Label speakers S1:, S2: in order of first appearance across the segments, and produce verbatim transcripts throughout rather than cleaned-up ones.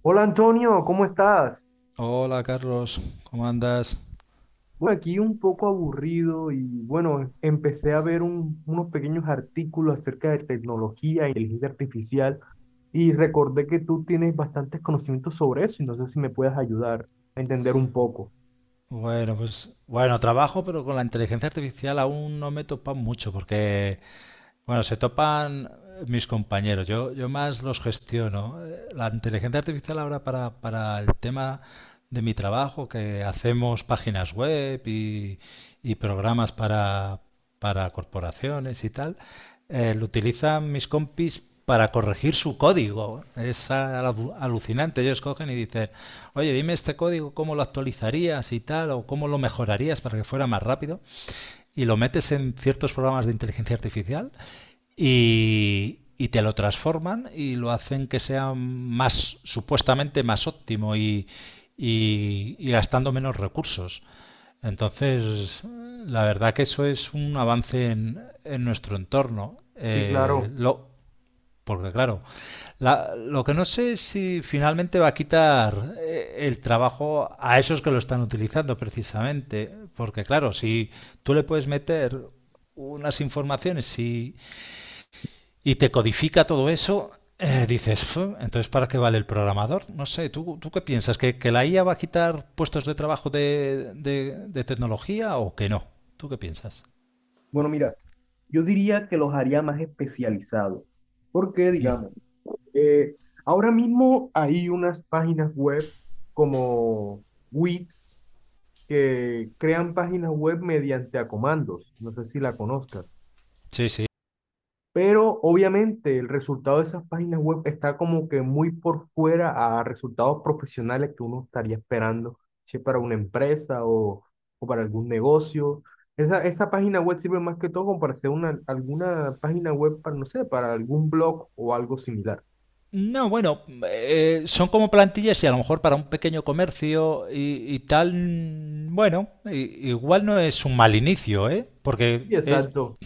S1: Hola Antonio, ¿cómo estás?
S2: Hola Carlos, ¿cómo andas?
S1: Bueno, aquí un poco aburrido y bueno, empecé a ver un- unos pequeños artículos acerca de tecnología e inteligencia artificial y recordé que tú tienes bastantes conocimientos sobre eso y no sé si me puedes ayudar a entender un poco.
S2: Bueno, pues bueno, trabajo, pero con la inteligencia artificial aún no me he topado mucho porque bueno, se topan eh, mis compañeros, yo, yo más los gestiono. Eh, La inteligencia artificial ahora para, para el tema de mi trabajo, que hacemos páginas web y, y programas para, para corporaciones y tal, eh, lo utilizan mis compis para corregir su código. Es alu- alucinante. Ellos cogen y dicen, oye, dime este código, ¿cómo lo actualizarías y tal? ¿O cómo lo mejorarías para que fuera más rápido? Y lo metes en ciertos programas de inteligencia artificial y, y te lo transforman y lo hacen que sea más, supuestamente más óptimo y, y, y gastando menos recursos. Entonces, la verdad que eso es un avance en, en nuestro entorno.
S1: Sí,
S2: Eh,
S1: claro.
S2: lo, porque claro, la- lo que no sé es si finalmente va a quitar eh, el trabajo a esos que lo están utilizando precisamente. Porque claro, si tú le puedes meter unas informaciones y, y te codifica todo eso, eh, dices, "Fu, entonces ¿para qué vale el programador? No sé, ¿tú, tú qué piensas? ¿Que, que la I A va a quitar puestos de trabajo de, de de tecnología o que no? ¿Tú qué piensas?
S1: Bueno, mira, yo diría que los haría más especializados, porque digamos, Eh, ahora mismo hay unas páginas web como Wix que crean páginas web mediante a comandos. No sé si la conozcas.
S2: Sí, sí.
S1: Pero obviamente el resultado de esas páginas web está como que muy por fuera a resultados profesionales que uno estaría esperando, si es para una empresa o, o para algún negocio. Esa, esa página web sirve más que todo como para hacer una, alguna página web para, no sé, para algún blog o algo similar.
S2: No, bueno, eh, son como plantillas y a lo mejor para un pequeño comercio y, y tal, mm, bueno, i- igual no es un mal inicio, ¿eh? Porque
S1: Y
S2: es-
S1: exacto,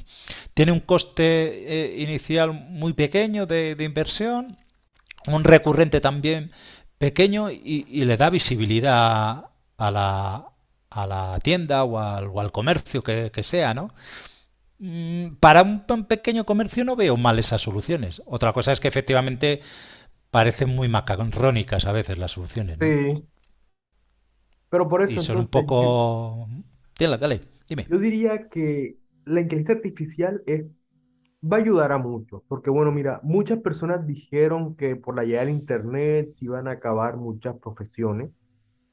S2: tiene un coste eh, inicial muy pequeño de, de inversión, un recurrente también pequeño y, y le da visibilidad a la, a la tienda o al, o al comercio que, que sea, ¿no? Mm, para un, pa- un pequeño comercio no veo mal esas soluciones. Otra cosa es que efectivamente parecen muy macarrónicas a veces las soluciones, ¿no?
S1: sí. Pero por
S2: Y
S1: eso
S2: son un
S1: entonces yo,
S2: poco... Dale, dale, dime.
S1: yo diría que la inteligencia artificial es. Va a ayudar a muchos, porque bueno, mira, muchas personas dijeron que por la llegada del Internet se iban a acabar muchas profesiones,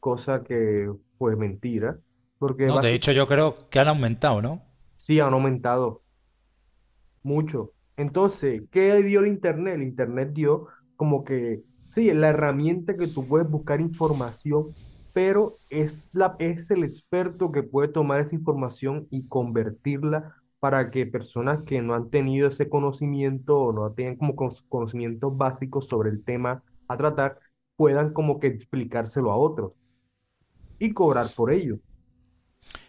S1: cosa que fue mentira, porque
S2: No, de hecho
S1: básicamente
S2: yo creo que han aumentado, ¿no?
S1: sí han aumentado. Mucho. Entonces, ¿qué dio el Internet? El Internet dio como que, sí, la herramienta que tú puedes buscar información, pero es, la, es el experto que puede tomar esa información y convertirla para que personas que no han tenido ese conocimiento o no tienen como con- conocimientos básicos sobre el tema a tratar, puedan como que explicárselo a otros y cobrar por ello.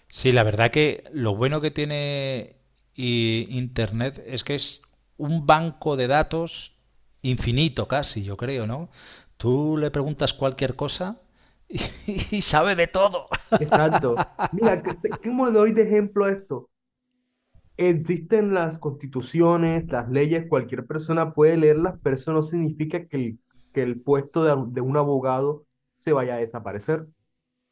S2: Sí, la verdad que lo bueno que tiene i- Internet es que es un banco de datos infinito casi, yo creo, ¿no? Tú le preguntas cualquier cosa y, y sabe de todo.
S1: Exacto. Mira, ¿qué, qué- ¿cómo le doy de ejemplo a esto? Existen las constituciones, las leyes, cualquier persona puede leerlas, pero eso no significa que el, que el puesto de, de un abogado se vaya a desaparecer.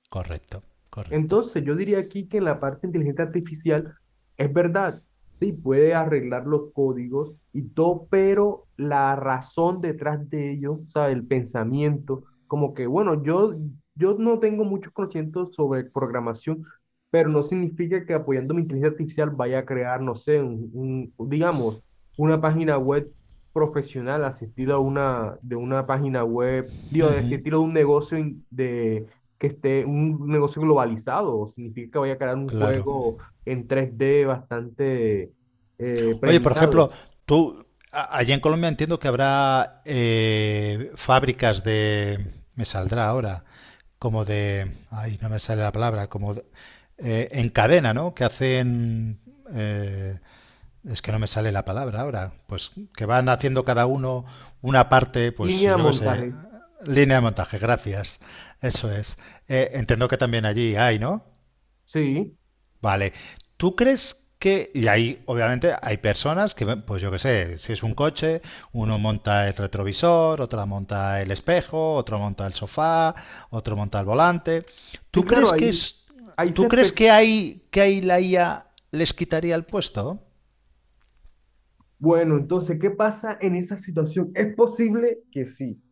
S2: Correcto, correcto.
S1: Entonces, yo diría aquí que en la parte de inteligencia artificial es verdad, sí, puede arreglar los códigos y todo, pero la razón detrás de ello, o sea, el pensamiento, como que, bueno, yo, yo no tengo muchos conocimientos sobre programación, pero no significa que apoyando mi inteligencia artificial vaya a crear, no sé, un, un- digamos, una página web profesional, asistir a una, de una página web, digo, de asistir a un negocio in- de que esté un negocio globalizado. Significa que vaya a crear un
S2: Claro.
S1: juego en tres D bastante eh,
S2: Oye, por
S1: premiado.
S2: ejemplo, tú, a- allá en Colombia entiendo que habrá eh, fábricas de, me saldrá ahora, como de, ay, no me sale la palabra, como de- eh, en cadena, ¿no? Que hacen, eh, es que no me sale la palabra ahora, pues que van haciendo cada uno una parte, pues
S1: Línea de
S2: yo qué sé,
S1: montaje.
S2: línea de montaje, gracias, eso es. Eh, entiendo que también allí hay, ¿no?
S1: Sí,
S2: Vale. ¿Tú crees que, y ahí obviamente hay personas que, pues yo qué sé, si es un coche, uno monta el retrovisor, otra monta el espejo, otro monta el sofá, otro monta el volante.
S1: sí,
S2: ¿Tú
S1: claro,
S2: crees que
S1: ahí,
S2: es,
S1: ahí
S2: tú
S1: se...
S2: crees
S1: espe-
S2: que hay, que ahí la I A les quitaría el puesto?
S1: Bueno, entonces, ¿qué pasa en esa situación? Es posible que sí,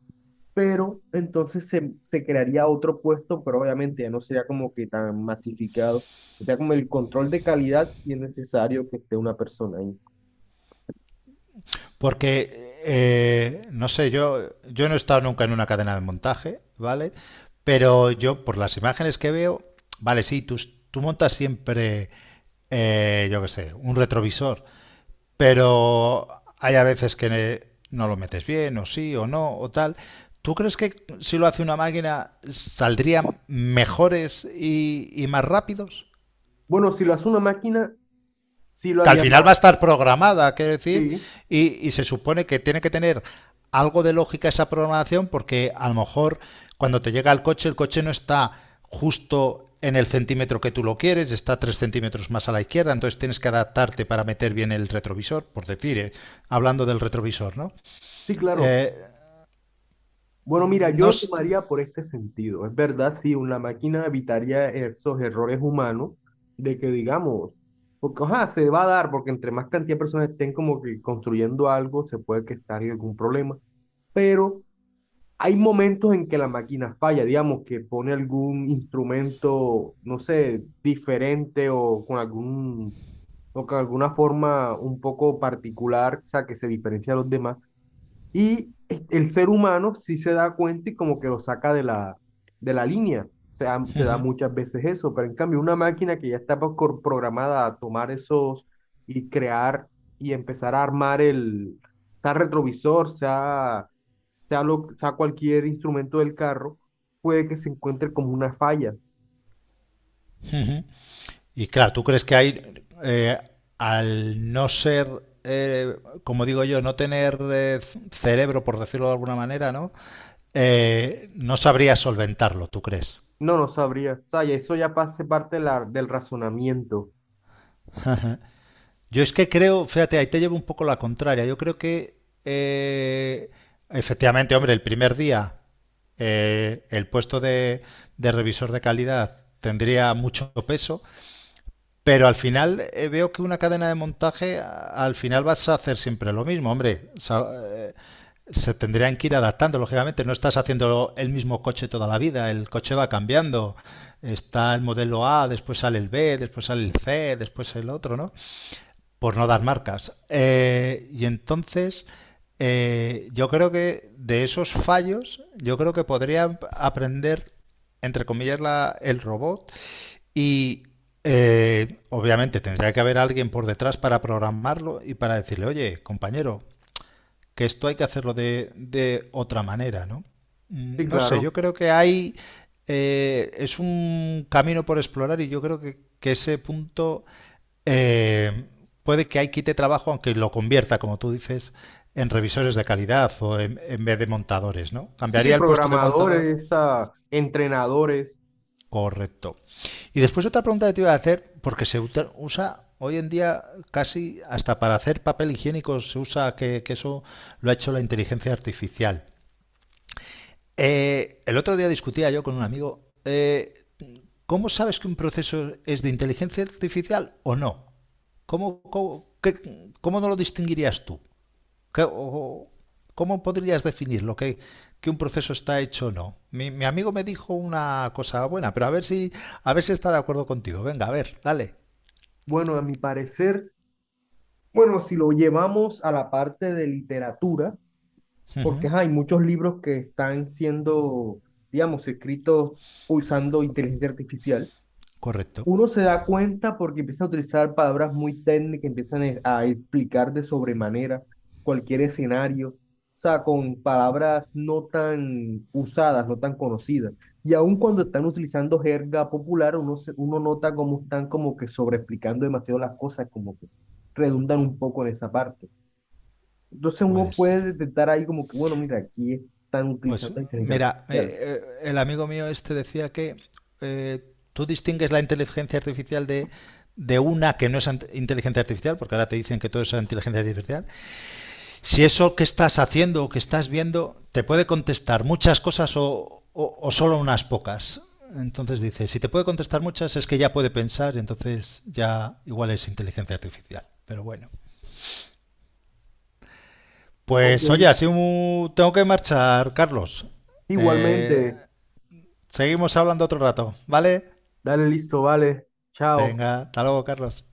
S1: pero entonces se, se crearía otro puesto, pero obviamente ya no sería como que tan masificado. O sea, como el control de calidad, si es necesario que esté una persona ahí.
S2: Porque, eh, no sé, yo, yo no he estado nunca en una cadena de montaje, ¿vale? Pero yo, por las imágenes que veo, vale, sí, tú, tú montas siempre, eh, yo qué sé, un retrovisor, pero hay a veces que ne- no lo metes bien, o sí, o no, o tal. ¿Tú crees que si lo hace una máquina saldrían mejores y, y más rápidos?
S1: Bueno, si lo hace una máquina, sí lo
S2: Que al
S1: haría
S2: final
S1: más.
S2: va a estar programada, quiero decir,
S1: Sí,
S2: y, y se supone que tiene que tener algo de lógica esa programación porque a lo mejor cuando te llega el coche, el coche no está justo en el centímetro que tú lo quieres, está tres centímetros más a la izquierda, entonces tienes que adaptarte para meter bien el retrovisor, por decir, eh, hablando del retrovisor, ¿no?
S1: sí, claro.
S2: Eh,
S1: Bueno, mira, yo
S2: no,
S1: lo tomaría por este sentido. Es verdad, sí, una máquina evitaría esos errores humanos de que digamos, porque ajá, se va a dar, porque entre más cantidad de personas estén como que construyendo algo, se puede que salga algún problema. Pero hay momentos en que la máquina falla, digamos, que pone algún instrumento, no sé, diferente o con algún, o con alguna forma un poco particular, o sea, que se diferencia de los demás. Y el ser humano sí se da cuenta y como que lo saca de la, de la línea. Se da, se da muchas veces eso, pero en cambio una máquina que ya está pro- programada a tomar esos y crear y empezar a armar el, sea retrovisor, sea, sea, lo, sea cualquier instrumento del carro, puede que se encuentre como una falla.
S2: y claro, ¿tú crees que hay, eh, al no ser, eh, como digo yo, no tener eh, cerebro, por decirlo de alguna manera, ¿no? Eh, no sabría solventarlo, ¿tú crees?
S1: No, no sabría. O sea, y eso ya pase parte de la- del razonamiento.
S2: Yo es que creo, fíjate, ahí te llevo un poco la contraria. Yo creo que, eh, efectivamente, hombre, el primer día eh, el puesto de, de revisor de calidad tendría mucho peso, pero al final eh, veo que una cadena de montaje, a- al final vas a hacer siempre lo mismo, hombre. Sa- eh, se tendrían que ir adaptando, lógicamente. No estás haciendo el mismo coche toda la vida, el coche va cambiando. Está el modelo A, después sale el B, después sale el C, después el otro, ¿no? Por no dar marcas. Eh, y entonces, eh, yo creo que de esos fallos, yo creo que podría aprender, entre comillas, la- el robot y eh, obviamente tendría que haber alguien por detrás para programarlo y para decirle, oye, compañero, que esto hay que hacerlo de, de otra manera, ¿no?
S1: Sí,
S2: Mm, no sé,
S1: claro.
S2: yo creo que hay... eh, es un camino por explorar y yo creo que, que ese punto eh, puede que ahí quite trabajo, aunque lo convierta, como tú dices, en revisores de calidad o en, en vez de montadores, ¿no?
S1: Sí,
S2: Cambiaría el puesto de montador.
S1: programadores, ah, entrenadores.
S2: Correcto. Y después otra pregunta que te iba a hacer, porque se uta- usa hoy en día casi hasta para hacer papel higiénico, se usa que, que eso lo ha hecho la inteligencia artificial. Eh, el otro día discutía yo con un amigo, eh, ¿cómo sabes que un proceso es de inteligencia artificial o no? ¿Cómo, cómo, qué- cómo no lo distinguirías tú? ¿Cómo podrías definir lo que, que un proceso está hecho o no? Mi, mi amigo me dijo una cosa buena, pero a ver si, a ver si está de acuerdo contigo. Venga, a ver, dale.
S1: Bueno, a mi parecer, bueno, si lo llevamos a la parte de literatura,
S2: Ujú,
S1: porque ajá, hay muchos libros que están siendo, digamos, escritos usando inteligencia artificial.
S2: correcto,
S1: Uno se da cuenta porque empiezan a utilizar palabras muy técnicas, empiezan e- a explicar de sobremanera cualquier escenario, o sea, con palabras no tan usadas, no tan conocidas. Y aun cuando están utilizando jerga popular, uno, se- uno nota cómo están como que sobreexplicando demasiado las cosas, como que redundan un poco en esa parte. Entonces uno
S2: puede
S1: puede
S2: ser.
S1: detectar ahí como que, bueno, mira, aquí están
S2: Pues
S1: utilizando inteligencia
S2: mira, eh,
S1: artificial.
S2: eh, el amigo mío este decía que eh, tú distingues la inteligencia artificial de, de una que no es ant- inteligencia artificial, porque ahora te dicen que todo es inteligencia artificial, si eso que estás haciendo o que estás viendo te puede contestar muchas cosas o, o, o solo unas pocas. Entonces dice, si te puede contestar muchas es que ya puede pensar, entonces ya igual es inteligencia artificial. Pero bueno. Pues oye,
S1: Ok,
S2: así mu- tengo que marchar, Carlos. Eh,
S1: igualmente,
S2: Seguimos hablando otro rato, ¿vale?
S1: dale listo, vale, chao.
S2: Venga, hasta luego, Carlos.